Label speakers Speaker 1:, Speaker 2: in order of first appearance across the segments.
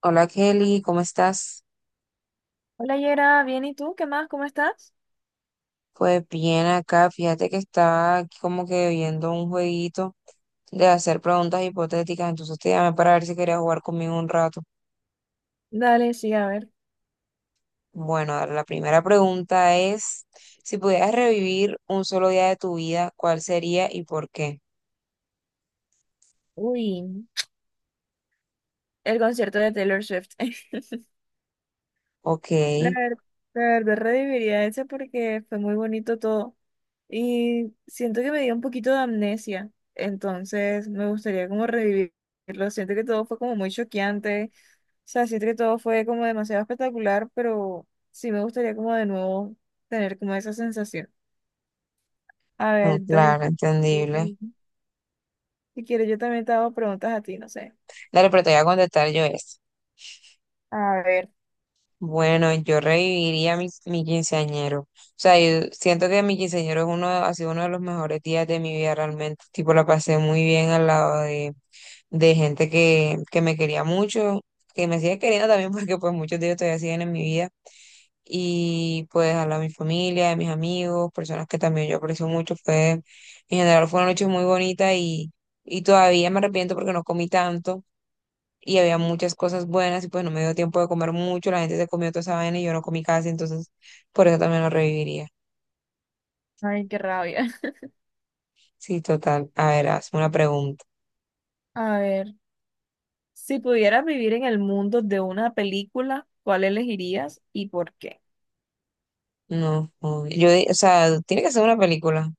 Speaker 1: Hola Kelly, ¿cómo estás?
Speaker 2: Hola Yera, bien, ¿y tú? ¿Qué más? ¿Cómo estás?
Speaker 1: Pues bien acá, fíjate que estaba aquí como que viendo un jueguito de hacer preguntas hipotéticas, entonces te llamé para ver si querías jugar conmigo un rato.
Speaker 2: Dale, sí, a ver.
Speaker 1: Bueno, a ver, la primera pregunta es, si pudieras revivir un solo día de tu vida, ¿cuál sería y por qué?
Speaker 2: Uy, el concierto de Taylor Swift.
Speaker 1: Ok,
Speaker 2: La ver- la verdad, reviviría ese porque fue muy bonito todo. Y siento que me dio un poquito de amnesia, entonces me gustaría como revivirlo. Siento que todo fue como muy choqueante, o sea, siento que todo fue como demasiado espectacular, pero sí me gustaría como de nuevo tener como esa sensación. A
Speaker 1: mm,
Speaker 2: ver, entonces
Speaker 1: claro,
Speaker 2: yo
Speaker 1: entendible.
Speaker 2: también- si quieres yo también te hago preguntas a ti, no sé.
Speaker 1: Dale, pero te voy a contestar yo esta.
Speaker 2: A ver.
Speaker 1: Bueno, yo reviviría mi quinceañero. O sea, yo siento que mi quinceañero es uno, ha sido uno de los mejores días de mi vida realmente. Tipo, la pasé muy bien al lado de gente que me quería mucho, que me sigue queriendo también porque pues muchos de ellos todavía siguen en mi vida. Y pues al lado de mi familia, de mis amigos, personas que también yo aprecio mucho. En general fue una noche muy bonita y todavía me arrepiento porque no comí tanto y había muchas cosas buenas y pues no me dio tiempo de comer mucho, la gente se comió toda esa vaina y yo no comí casi, entonces por eso también lo reviviría.
Speaker 2: Ay, qué rabia.
Speaker 1: Sí, total. A ver, hazme una pregunta.
Speaker 2: A ver, si pudieras vivir en el mundo de una película, ¿cuál elegirías y por qué?
Speaker 1: No, no, o sea, tiene que ser una película.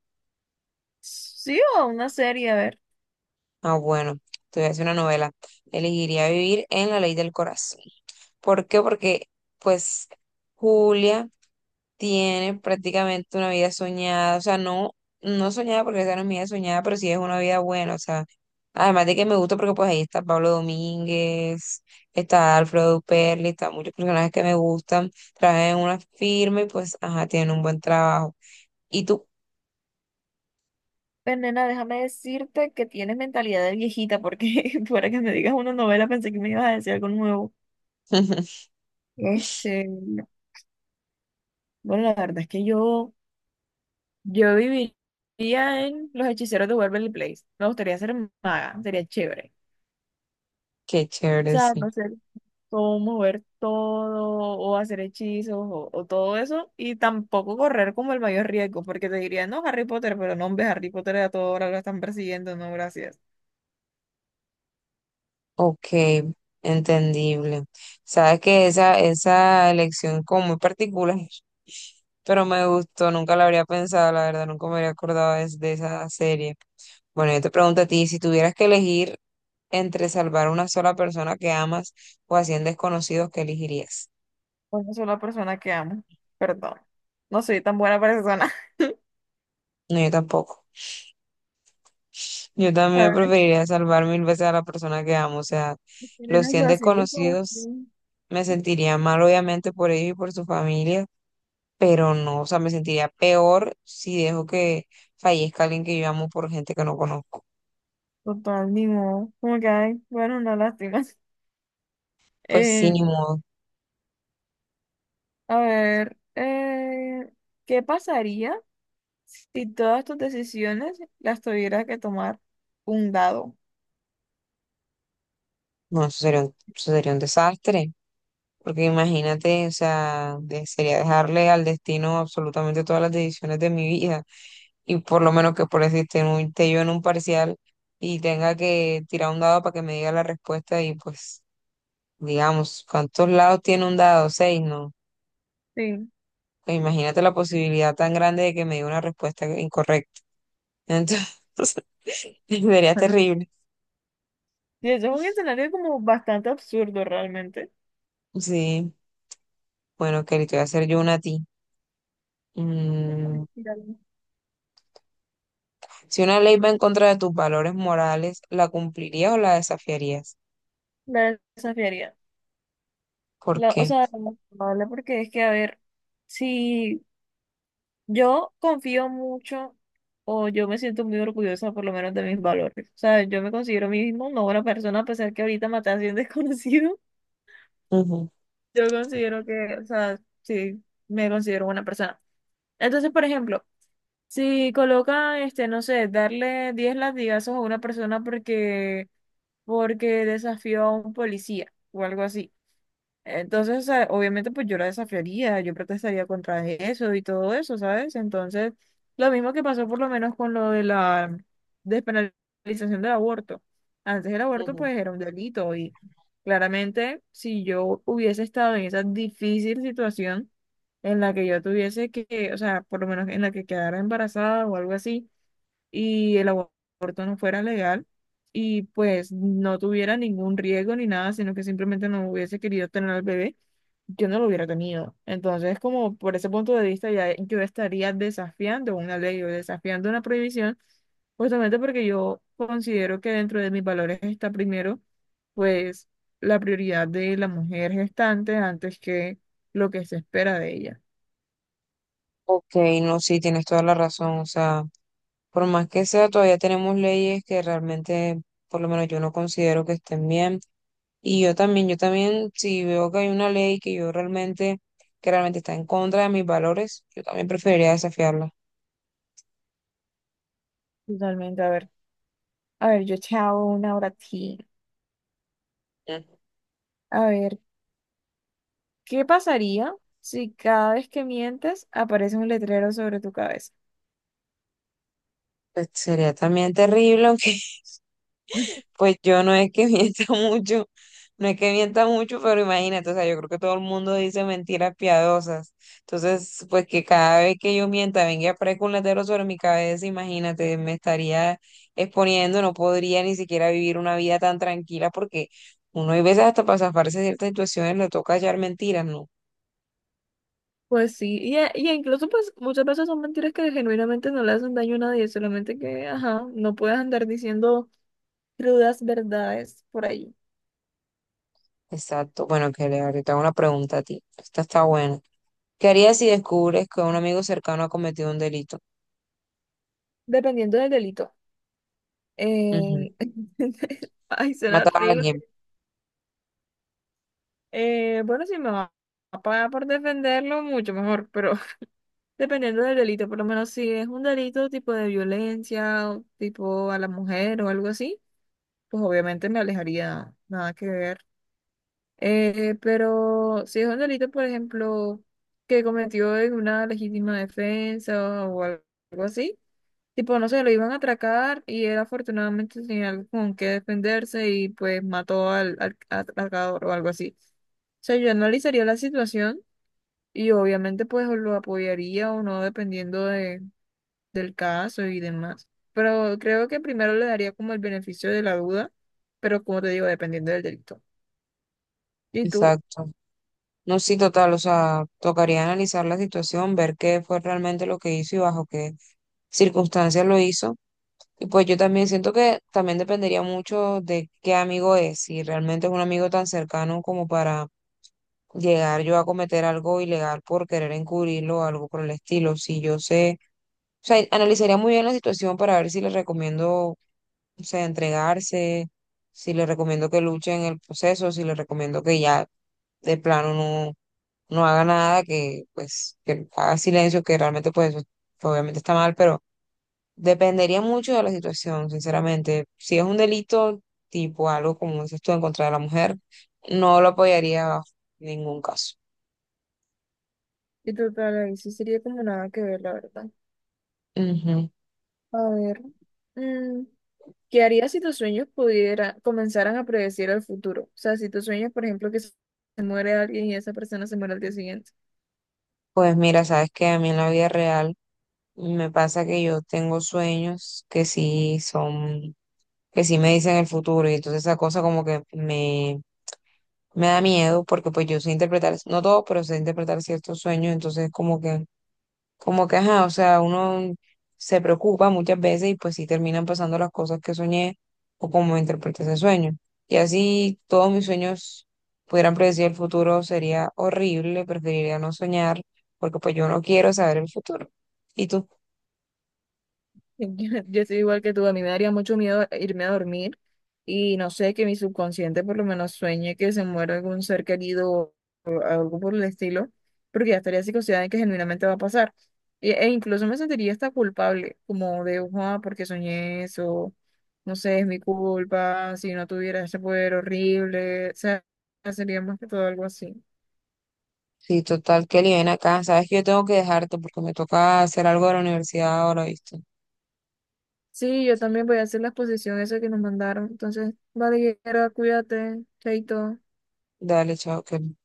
Speaker 2: Sí, o una serie, a ver.
Speaker 1: Ah, bueno, te voy a hacer una novela. Elegiría vivir en La Ley del Corazón. ¿Por qué? Porque pues Julia tiene prácticamente una vida soñada, o sea, no, no soñada porque esa no es mi vida soñada, pero sí es una vida buena, o sea, además de que me gusta porque pues ahí está Pablo Domínguez, está Alfredo Perli, está muchos personajes que me gustan, trabajan en una firma y pues, ajá, tienen un buen trabajo. ¿Y tú?
Speaker 2: Pues, nena, déjame decirte que tienes mentalidad de viejita, porque para que me digas una novela pensé que me ibas a decir algo nuevo. Este, bueno, la verdad es que yo viviría en Los Hechiceros de Waverly Place. Me gustaría ser maga, sería chévere.
Speaker 1: Qué
Speaker 2: O
Speaker 1: chévere,
Speaker 2: sea,
Speaker 1: sí.
Speaker 2: no sé, o mover todo, o hacer hechizos, o todo eso, y tampoco correr como el mayor riesgo, porque te diría, no, Harry Potter, pero no, hombre, Harry Potter a toda hora lo están persiguiendo, no, gracias.
Speaker 1: Ok, entendible. Sabes que esa elección como muy particular, pero me gustó, nunca la habría pensado, la verdad, nunca me habría acordado de esa serie. Bueno, yo te pregunto a ti, si tuvieras que elegir entre salvar a una sola persona que amas o a 100 desconocidos, ¿qué elegirías?
Speaker 2: Una sola persona que amo, perdón. No soy tan buena persona.
Speaker 1: No, yo tampoco. Yo
Speaker 2: La
Speaker 1: también
Speaker 2: verdad
Speaker 1: preferiría salvar mil veces a la persona que amo, o sea,
Speaker 2: es que era
Speaker 1: los
Speaker 2: una
Speaker 1: 100
Speaker 2: relación de
Speaker 1: desconocidos
Speaker 2: confusión.
Speaker 1: me sentiría mal obviamente por ellos y por su familia pero no, o sea, me sentiría peor si dejo que fallezca alguien que yo amo por gente que no conozco.
Speaker 2: Total, ni modo. Como que, ay, bueno, una lástima.
Speaker 1: Pues sí,
Speaker 2: Eh,
Speaker 1: ni modo.
Speaker 2: a ver, ¿qué pasaría si todas tus decisiones las tuviera que tomar un dado?
Speaker 1: No, eso sería un desastre, porque imagínate, o sea, de- sería dejarle al destino absolutamente todas las decisiones de mi vida, y por lo menos que por decirte, esté yo en un parcial y tenga que tirar un dado para que me diga la respuesta y pues, digamos, ¿cuántos lados tiene un dado? Seis, ¿no?
Speaker 2: Sí.
Speaker 1: Pues imagínate la posibilidad tan grande de que me dé una respuesta incorrecta. Entonces, sería terrible.
Speaker 2: Y eso es un escenario como bastante absurdo realmente.
Speaker 1: Sí, bueno, Kelly, te voy a hacer yo una a ti. Mm, Si una ley va en contra de tus valores morales, ¿la cumplirías o la desafiarías?
Speaker 2: La desafiaría.
Speaker 1: ¿Por
Speaker 2: La- o
Speaker 1: qué?
Speaker 2: sea, lo más probable, porque es que, a ver, si yo confío mucho o yo me siento muy orgullosa por lo menos de mis valores. O sea, yo me considero a mí mismo una buena persona a pesar que ahorita maté a 100 desconocidos.
Speaker 1: Ujú,
Speaker 2: Yo considero que, o sea, sí, me considero buena persona. Entonces, por ejemplo, si coloca, este, no sé, darle 10 latigazos a una persona porque desafió a un policía o algo así. Entonces, o sea, obviamente, pues yo la desafiaría, yo protestaría contra eso y todo eso, ¿sabes? Entonces, lo mismo que pasó por lo menos con lo de la despenalización del aborto. Antes el aborto,
Speaker 1: ujú.
Speaker 2: pues, era un delito y claramente, si yo hubiese estado en esa difícil situación en la que yo tuviese que, o sea, por lo menos en la que quedara embarazada o algo así y el aborto no fuera legal y pues no tuviera ningún riesgo ni nada, sino que simplemente no hubiese querido tener al bebé, yo no lo hubiera tenido. Entonces, como por ese punto de vista, ya yo estaría desafiando una ley o desafiando una prohibición, justamente porque yo considero que dentro de mis valores está primero, pues, la prioridad de la mujer gestante antes que lo que se espera de ella.
Speaker 1: Ok, no, sí, tienes toda la razón. O sea, por más que sea, todavía tenemos leyes que realmente, por lo menos yo no considero que estén bien. Y yo también, si veo que hay una ley que yo realmente, que realmente está en contra de mis valores, yo también preferiría desafiarla.
Speaker 2: Totalmente, a ver. A ver, yo te hago una hora a ti. A ver, ¿qué pasaría si cada vez que mientes aparece un letrero sobre tu cabeza?
Speaker 1: Pues, sería también terrible, aunque pues yo no es que mienta mucho, no es que mienta mucho, pero imagínate, o sea, yo creo que todo el mundo dice mentiras piadosas. Entonces, pues que cada vez que yo mienta venga a aparezca un letrero sobre mi cabeza, imagínate, me estaría exponiendo, no podría ni siquiera vivir una vida tan tranquila porque uno hay veces hasta para zafarse de ciertas situaciones le toca hallar mentiras, ¿no?
Speaker 2: Pues sí, y incluso pues muchas veces son mentiras que genuinamente no le hacen daño a nadie, solamente que, ajá, no puedes andar diciendo crudas verdades por ahí,
Speaker 1: Exacto. Bueno, que le ahorita hago una pregunta a ti. Esta está buena. ¿Qué harías si descubres que un amigo cercano ha cometido un delito?
Speaker 2: dependiendo del delito.
Speaker 1: Ujú.
Speaker 2: Eh, Ay, será
Speaker 1: Matar a
Speaker 2: horrible.
Speaker 1: alguien,
Speaker 2: Bueno, si me va a pagar por defenderlo, mucho mejor, pero dependiendo del delito, por lo menos si es un delito tipo de violencia, o tipo a la mujer o algo así. Pues obviamente me alejaría, nada que ver. Pero si es un delito, por ejemplo, que cometió en una legítima defensa o algo así, tipo, no sé, lo iban a atracar y él afortunadamente tenía algo con qué defenderse y pues mató al, al atracador o algo así. O sea, yo analizaría la situación y obviamente pues o lo apoyaría o no dependiendo de, del caso y demás. Pero creo que primero le daría como el beneficio de la duda, pero como te digo, dependiendo del delito. ¿Y tú?
Speaker 1: exacto. No, sí, total, o sea, tocaría analizar la situación, ver qué fue realmente lo que hizo y bajo qué circunstancias lo hizo. Y pues yo también siento que también dependería mucho de qué amigo es, si realmente es un amigo tan cercano como para llegar yo a cometer algo ilegal por querer encubrirlo o algo por el estilo. Si yo sé, o sea, analizaría muy bien la situación para ver si le recomiendo, o sea, entregarse, si le recomiendo que luche en el proceso, si le recomiendo que ya de plano no, no haga nada, que pues que haga silencio, que realmente pues eso obviamente está mal, pero dependería mucho de la situación, sinceramente. Si es un delito tipo algo como dices tú en contra de la mujer, no lo apoyaría bajo ningún caso.
Speaker 2: ¿Y tú para ahí? Sí sería como nada que ver, la verdad.
Speaker 1: Ujú.
Speaker 2: A ver, mm, ¿qué harías si tus sueños pudiera, comenzaran a predecir el futuro? O sea, si tus sueños, por ejemplo, que se muere alguien y esa persona se muere al día siguiente.
Speaker 1: Pues mira, sabes que a mí en la vida real me pasa que yo tengo sueños que sí son, que sí me dicen el futuro y entonces esa cosa como que me da miedo porque pues yo sé interpretar, no todo, pero sé interpretar ciertos sueños, entonces como que, ajá, o sea, uno se preocupa muchas veces y pues sí terminan pasando las cosas que soñé o como interpreté ese sueño. Y así todos mis sueños pudieran predecir el futuro sería horrible, preferiría no soñar porque pues yo no quiero saber el futuro. ¿Y tú?
Speaker 2: Yo soy igual que tú, a mí me daría mucho miedo irme a dormir y no sé, que mi subconsciente por lo menos sueñe que se muera algún ser querido o algo por el estilo, porque ya estaría psicoseada en que genuinamente va a pasar. E incluso me sentiría hasta culpable, como de, ah, porque soñé eso, no sé, es mi culpa, si no tuviera ese poder horrible, o sea, sería más que todo algo así.
Speaker 1: Sí, total, Kelly, ven acá, sabes que yo tengo que dejarte porque me toca hacer algo de la universidad ahora, ¿viste?
Speaker 2: Sí, yo también voy a hacer la exposición esa que nos mandaron, entonces, vale, Yera, cuídate, chaito.
Speaker 1: Dale, chao, Kelly.